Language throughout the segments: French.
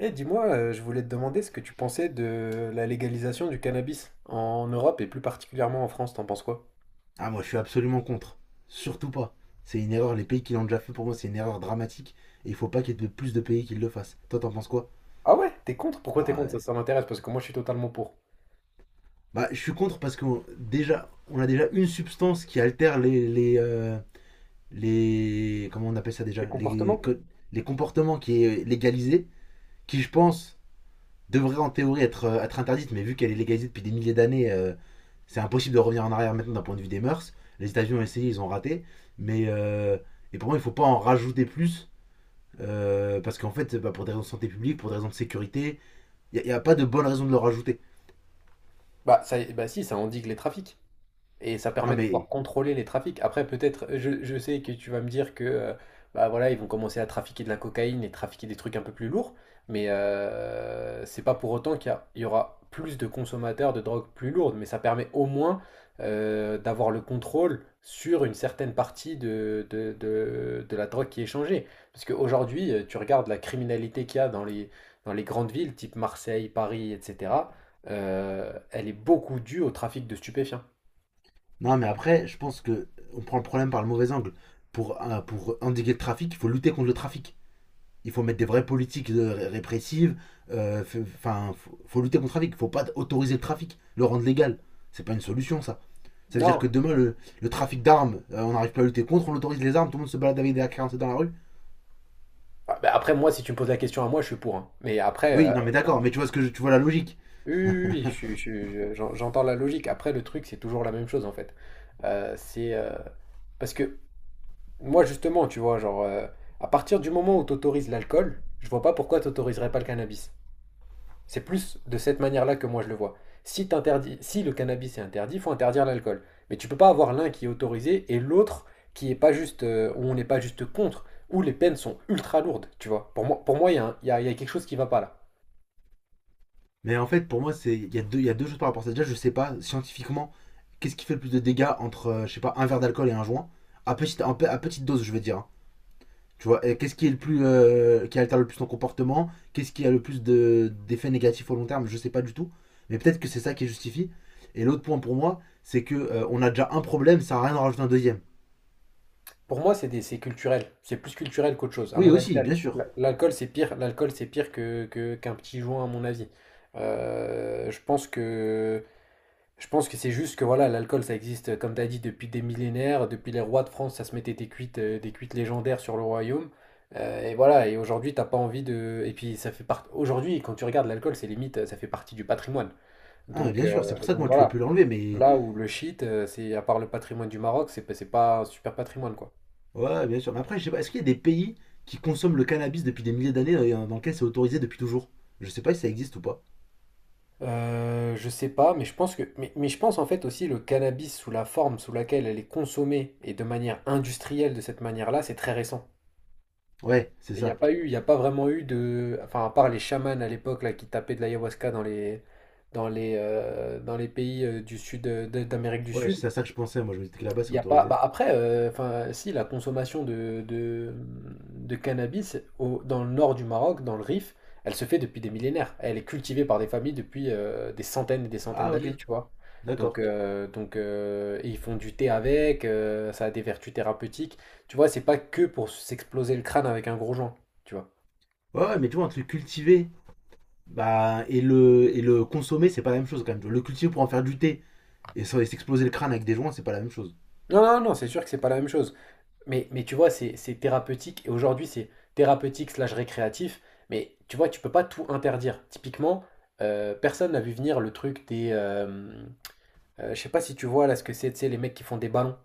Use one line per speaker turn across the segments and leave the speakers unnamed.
Eh, dis-moi, je voulais te demander ce que tu pensais de la légalisation du cannabis en Europe et plus particulièrement en France, t'en penses quoi?
Ah, moi, je suis absolument contre. Surtout pas. C'est une erreur. Les pays qui l'ont déjà fait, pour moi, c'est une erreur dramatique. Et il faut pas qu'il y ait de plus de pays qui le fassent. Toi, t'en penses quoi?
Ah ouais, t'es contre? Pourquoi t'es contre? Ça,
Ouais.
ça m'intéresse parce que moi je suis totalement pour.
Bah, je suis contre parce que déjà, on a déjà une substance qui altère les, comment on appelle ça
Les
déjà les,
comportements?
co- les comportements qui est légalisé, qui, je pense, devrait en théorie être interdite, mais vu qu'elle est légalisée depuis des milliers d'années, c'est impossible de revenir en arrière maintenant d'un point de vue des mœurs. Les États-Unis ont essayé, ils ont raté. Mais. euh, et pour moi, il faut pas en rajouter plus. Parce qu'en fait, bah, pour des raisons de santé publique, pour des raisons de sécurité, il n'y a pas de bonne raison de le rajouter.
Bah, ça, bah si, ça endigue les trafics. Et ça permet
Non
de pouvoir
mais,
contrôler les trafics. Après, peut-être, je sais que tu vas me dire que bah voilà, ils vont commencer à trafiquer de la cocaïne et trafiquer des trucs un peu plus lourds, mais c'est pas pour autant il y aura plus de consommateurs de drogues plus lourdes, mais ça permet au moins d'avoir le contrôle sur une certaine partie de la drogue qui est échangée. Parce qu'aujourd'hui, tu regardes la criminalité qu'il y a dans les grandes villes, type Marseille, Paris, etc., elle est beaucoup due au trafic de stupéfiants.
non, mais après, je pense que on prend le problème par le mauvais angle. Pour endiguer le trafic, il faut lutter contre le trafic. Il faut mettre des vraies politiques répressives. Enfin, faut lutter contre le trafic. Il ne faut pas autoriser le trafic, le rendre légal. C'est pas une solution, ça. Ça veut dire
Non.
que demain, le trafic d'armes, on n'arrive pas à lutter contre, on autorise les armes, tout le monde se balade avec des AK-47 dans la rue.
Ah, bah, après, moi, si tu me poses la question à moi, je suis pour, hein. Mais après,
Oui, non, mais d'accord, mais tu vois, tu vois la logique.
oui, oui, oui, je suis- je suis- je- j'en- j'entends la logique. Après, le truc, c'est toujours la même chose, en fait. C'est parce que moi, justement, tu vois, genre, à partir du moment où tu autorises l'alcool, je vois pas pourquoi tu n'autoriserais pas le cannabis. C'est plus de cette manière-là que moi je le vois. Si, si le cannabis est interdit, il faut interdire l'alcool. Mais tu ne peux pas avoir l'un qui est autorisé et l'autre qui est pas juste, où on n'est pas juste contre, où les peines sont ultra lourdes, tu vois. Pour moi, il y, a il y a il y a quelque chose qui ne va pas là.
Mais en fait, pour moi, c'est il y a deux choses par rapport à ça. Déjà, je sais pas scientifiquement qu'est-ce qui fait le plus de dégâts entre, je sais pas, un verre d'alcool et un joint. À petite dose, je veux dire. Hein. Tu vois, et qu'est-ce qui est le plus, qui altère le plus ton comportement? Qu'est-ce qui a le plus d'effets négatifs au long terme? Je sais pas du tout. Mais peut-être que c'est ça qui justifie. Et l'autre point pour moi, c'est que on a déjà un problème, ça sert à rien d'en rajouter un deuxième.
Pour moi, c'est culturel. C'est plus culturel qu'autre chose. À
Oui,
mon avis,
aussi, bien sûr.
l'alcool, c'est pire. L'alcool, c'est pire qu'un petit joint, à mon avis. Euh, je pense que Je pense que c'est juste que voilà, l'alcool, ça existe, comme tu as dit, depuis des millénaires. Depuis les rois de France, ça se mettait des cuites légendaires sur le royaume. Et voilà, et aujourd'hui, t'as pas envie de. Et puis, ça fait partie. Aujourd'hui, quand tu regardes l'alcool, c'est limite, ça fait partie du patrimoine.
Ah, mais
Donc,
bien sûr, c'est pour
euh,
ça que
donc
moi tu peux
voilà,
plus l'enlever, mais
là où le shit, c'est à part le patrimoine du Maroc, c'est pas un super patrimoine, quoi.
ouais, bien sûr. Mais après, je sais pas, est-ce qu'il y a des pays qui consomment le cannabis depuis des milliers d'années dans lesquels c'est autorisé depuis toujours? Je sais pas si ça existe ou pas.
Je sais pas, mais je pense que, mais je pense en fait aussi le cannabis sous la forme sous laquelle elle est consommée et de manière industrielle de cette manière-là, c'est très récent.
Ouais, c'est
Et il n'y a
ça.
pas eu, il y a pas vraiment eu de, enfin à part les chamans à l'époque là qui tapaient de l'ayahuasca dans les, dans les pays du sud d'Amérique du
Ouais,
Sud,
c'est à ça que je pensais. Moi, je me disais que là-bas, c'est
il y a pas.
autorisé.
Bah après, enfin si la consommation de cannabis dans le nord du Maroc, dans le Rif, elle se fait depuis des millénaires. Elle est cultivée par des familles depuis des centaines et des centaines
Ah, ok,
d'années, tu vois. Donc,
d'accord.
euh, donc euh, et ils font du thé avec, ça a des vertus thérapeutiques. Tu vois, c'est pas que pour s'exploser le crâne avec un gros joint, tu vois.
Ouais, ouais, mais tu vois, entre le cultiver bah, et le consommer, c'est pas la même chose quand même. Tu vois, le cultiver pour en faire du thé et et s'exploser le crâne avec des joints, c'est pas la même chose.
Non, non, non, c'est sûr que c'est pas la même chose. Mais tu vois, c'est thérapeutique. Et aujourd'hui, c'est thérapeutique slash récréatif. Mais tu vois, tu peux pas tout interdire. Typiquement, personne n'a vu venir le truc des. Je sais pas si tu vois là ce que c'est, tu sais, les mecs qui font des ballons.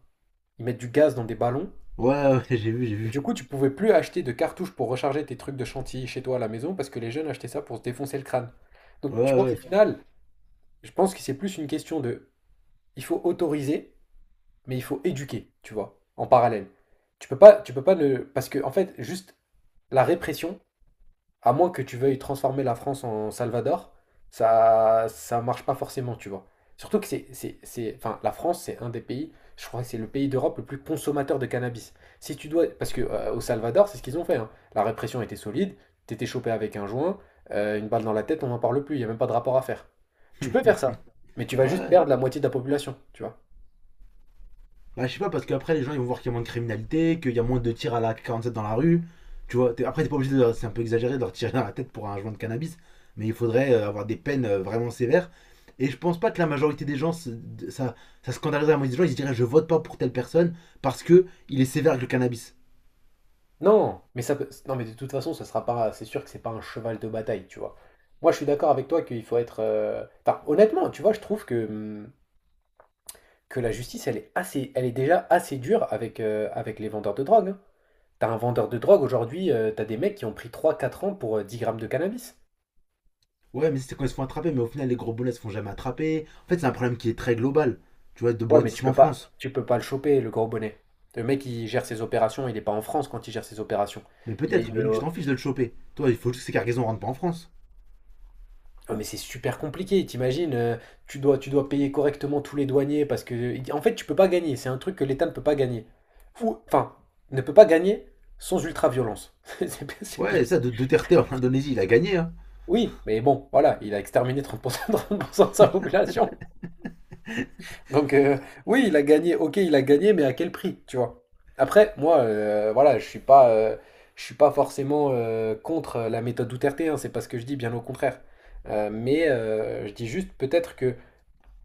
Ils mettent du gaz dans des ballons.
Ouais, ouais, j'ai vu, j'ai
Et du
vu.
coup, tu pouvais plus acheter de cartouches pour recharger tes trucs de chantilly chez toi à la maison parce que les jeunes achetaient ça pour se défoncer le crâne. Donc, tu
Ouais,
vois, au
ouais.
final, je pense que c'est plus une question de. Il faut autoriser mais il faut éduquer, tu vois, en parallèle. Tu peux pas ne... Parce que, en fait, juste la répression, à moins que tu veuilles transformer la France en Salvador, ça marche pas forcément, tu vois. Surtout que enfin, la France, c'est un des pays, je crois que c'est le pays d'Europe le plus consommateur de cannabis. Si tu dois, parce que au Salvador, c'est ce qu'ils ont fait, hein. La répression était solide, t'étais chopé avec un joint, une balle dans la tête, on n'en parle plus, il n'y a même pas de rapport à faire. Tu peux faire ça, mais tu vas juste
Ouais.
perdre la moitié de la population, tu vois.
Bah, je sais pas, parce qu'après, les gens ils vont voir qu'il y a moins de criminalité, qu'il y a moins de tirs à la 47 dans la rue. Tu vois, après, t'es pas obligé. C'est un peu exagéré de leur tirer dans la tête pour un joint de cannabis, mais il faudrait avoir des peines vraiment sévères. Et je pense pas que la majorité des gens, ça, ça scandaliserait la moitié des gens, ils se diraient je vote pas pour telle personne parce que il est sévère avec le cannabis.
Non, mais ça peut... non, mais de toute façon, ce sera pas. C'est sûr que c'est pas un cheval de bataille, tu vois. Moi, je suis d'accord avec toi qu'il faut être. Enfin, honnêtement, tu vois, je trouve que la justice, elle est déjà assez dure avec avec les vendeurs de drogue, hein. T'as un vendeur de drogue aujourd'hui, t'as des mecs qui ont pris trois quatre ans pour 10 grammes de cannabis.
Ouais, mais c'est quand ils se font attraper, mais au final, les gros boulets se font jamais attraper. En fait, c'est un problème qui est très global, tu vois, de
Ouais, mais tu
banditisme en
peux pas,
France.
tu peux pas le choper, le gros bonnet. Le mec, il gère ses opérations, il est pas en France quand il gère ses opérations.
Mais
Il est,
peut-être, mais lui, tu
euh,
t'en fiches de le choper. Toi, il faut juste que ces cargaisons rentrent pas en France.
Ah, mais c'est super compliqué, t'imagines, tu dois payer correctement tous les douaniers parce que, en fait, tu peux pas gagner, c'est un truc que l'État ne peut pas gagner. Ou, enfin, ne peut pas gagner sans ultra-violence. C'est plus.
Ouais, ça, de Duterte en Indonésie, il a gagné, hein.
Oui, mais bon, voilà, il a exterminé 30%, 30 % de sa population. Donc, euh, oui, il a gagné, ok, il a gagné, mais à quel prix, tu vois? Après, moi, voilà, je suis pas forcément contre la méthode Duterte, hein, c'est pas ce que je dis, bien au contraire. Mais je dis juste peut-être que.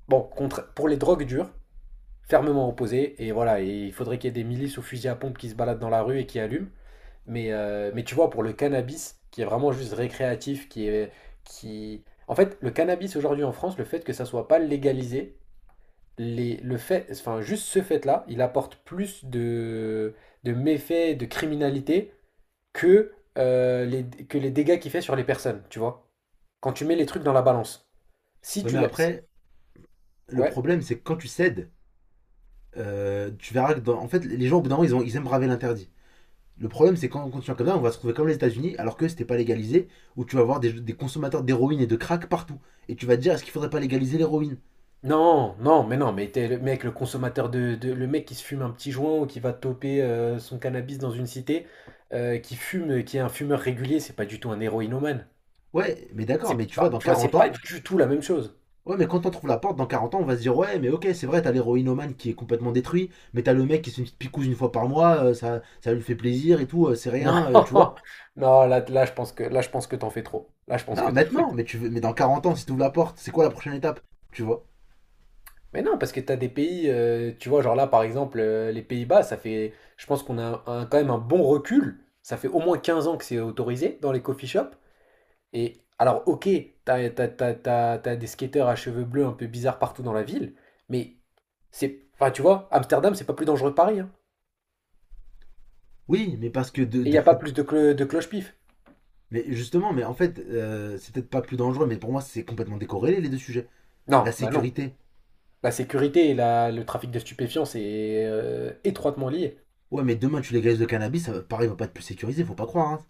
Bon, contre, pour les drogues dures, fermement opposé. Et voilà, et il faudrait qu'il y ait des milices aux fusils à pompe qui se baladent dans la rue et qui allument. Mais tu vois, pour le cannabis, qui est vraiment juste récréatif, qui est, qui... En fait, le cannabis aujourd'hui en France, le fait que ça soit pas légalisé, le fait, enfin, juste ce fait-là, il apporte plus de, méfaits, de criminalité que les dégâts qu'il fait sur les personnes, tu vois. Quand tu mets les trucs dans la balance. Si
Ouais,
tu
mais
la... si-
après, le
Ouais.
problème, c'est que quand tu cèdes, tu verras que en fait, les gens, au bout d'un moment, ils aiment braver l'interdit. Le problème, c'est quand on continue comme ça, on va se trouver comme les États-Unis, alors que c'était pas légalisé, où tu vas avoir des consommateurs d'héroïne et de crack partout. Et tu vas te dire, est-ce qu'il faudrait pas légaliser l'héroïne?
Non, non, mais non, mais t'es le mec, le consommateur le mec qui se fume un petit joint ou qui va toper son cannabis dans une cité, qui fume, qui est un fumeur régulier, c'est pas du tout un héroïnomane.
Ouais, mais d'accord,
C'est
mais tu vois,
pas,
dans
tu vois, c'est
40
pas
ans,
du tout la même chose.
ouais, mais quand on trouve la porte, dans 40 ans, on va se dire, ouais, mais ok, c'est vrai, t'as l'héroïnomane qui est complètement détruit, mais t'as le mec qui se fait une petite picouse une fois par mois, ça, ça lui fait plaisir et tout, c'est
Non,
rien, tu vois.
non, là, là, je pense que, là, je pense que t'en fais trop. Là, je pense que.
Non, maintenant, mais dans 40 ans, si tu ouvres la porte, c'est quoi la prochaine étape? Tu vois?
Mais non, parce que t'as des pays, tu vois, genre là, par exemple, les Pays-Bas, ça fait, je pense qu'on a quand même un bon recul. Ça fait au moins 15 ans que c'est autorisé dans les coffee shops. Et alors, ok, t'as des skateurs à cheveux bleus un peu bizarres partout dans la ville, mais c'est. Enfin, tu vois, Amsterdam, c'est pas plus dangereux que Paris, hein.
Oui, mais parce que
Et il n'y a pas plus de, clo- de cloche-pif.
mais justement, mais en fait, c'est peut-être pas plus dangereux, mais pour moi, c'est complètement décorrélé les deux sujets. La
Non, bah non.
sécurité.
La sécurité et le trafic de stupéfiants, c'est étroitement lié.
Ouais, mais demain, tu légalises le cannabis, ça va, pareil, va pas être plus sécurisé, faut pas croire. Hein.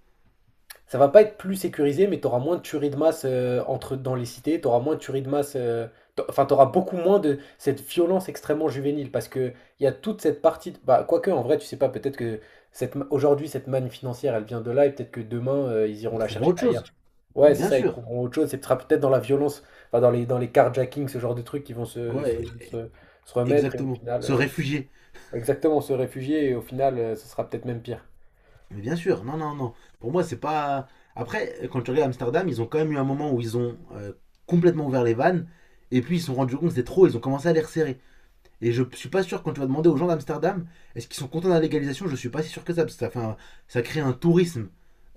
Ça va pas être plus sécurisé, mais tu auras moins de tueries de masse dans les cités, tu auras moins de tueries de masse, enfin tu auras beaucoup moins de cette violence extrêmement juvénile, parce que il y a toute cette partie, bah, quoique en vrai tu sais pas, peut-être que aujourd'hui cette manne financière elle vient de là, et peut-être que demain ils iront
Ils
la
trouveront
chercher
autre
ailleurs.
chose. Mais
Ouais, c'est
bien
ça, ils
sûr.
trouveront autre chose, et ce sera peut-être dans la violence, enfin dans les carjackings, ce genre de trucs qui vont se, se,
Ouais,
se- se remettre, et au
exactement.
final,
Se réfugier.
exactement, se réfugier, et au final ce sera peut-être même pire.
Mais bien sûr. Non, non, non. Pour moi, c'est pas. Après, quand tu regardes Amsterdam, ils ont quand même eu un moment où ils ont complètement ouvert les vannes, et puis ils se sont rendus compte que c'était trop, ils ont commencé à les resserrer. Et je suis pas sûr, quand tu vas demander aux gens d'Amsterdam, est-ce qu'ils sont contents de la légalisation? Je suis pas si sûr que ça, parce que ça, ça crée un tourisme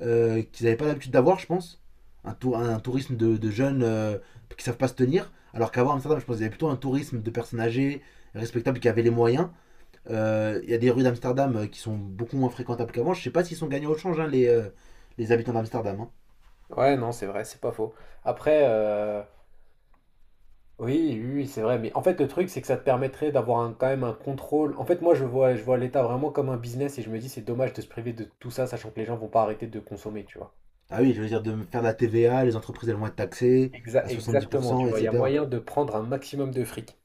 qu'ils n'avaient pas l'habitude d'avoir, je pense. Un tourisme de jeunes qui savent pas se tenir. Alors qu'avant Amsterdam, je pense qu'il y avait plutôt un tourisme de personnes âgées, respectables, qui avaient les moyens. Il y a des rues d'Amsterdam qui sont beaucoup moins fréquentables qu'avant. Je sais pas s'ils sont gagnés au change, hein, les habitants d'Amsterdam. Hein.
Ouais, non, c'est vrai, c'est pas faux. Après, oui, oui, oui, c'est vrai. Mais en fait, le truc, c'est que ça te permettrait d'avoir quand même un contrôle. En fait, moi, je vois l'État vraiment comme un business et je me dis, c'est dommage de se priver de tout ça, sachant que les gens vont pas arrêter de consommer, tu vois.
Ah oui, je veux dire, de faire de la TVA, les entreprises elles vont être taxées à
Exactement, tu
70%,
vois. Il y a
etc.
moyen de prendre un maximum de fric.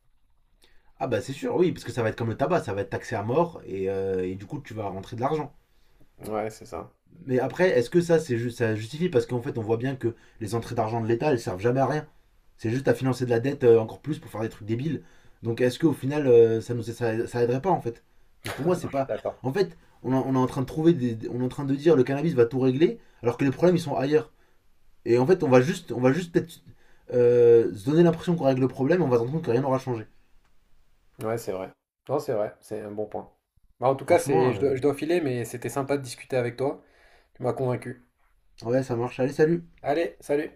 Ah bah c'est sûr, oui, parce que ça va être comme le tabac, ça va être taxé à mort et du coup tu vas rentrer de l'argent.
Ouais, c'est ça.
Mais après, est-ce que ça justifie? Parce qu'en fait, on voit bien que les entrées d'argent de l'État, elles servent jamais à rien. C'est juste à financer de la dette encore plus pour faire des trucs débiles. Donc est-ce qu'au final, ça, ça aiderait pas en fait? Donc pour moi,
Non,
c'est
je suis
pas.
d'accord.
En fait, on est en train de trouver. On est en train de dire le cannabis va tout régler, alors que les problèmes ils sont ailleurs. Et en fait, on va juste peut-être se donner l'impression qu'on règle le problème, on va se rendre compte que rien n'aura changé.
Ouais, c'est vrai. Non, c'est vrai. C'est un bon point. Bah, en tout cas,
Franchement,
c'est, je dois, je dois filer, mais c'était sympa de discuter avec toi. Tu m'as convaincu.
ouais, ça marche. Allez, salut.
Allez, salut.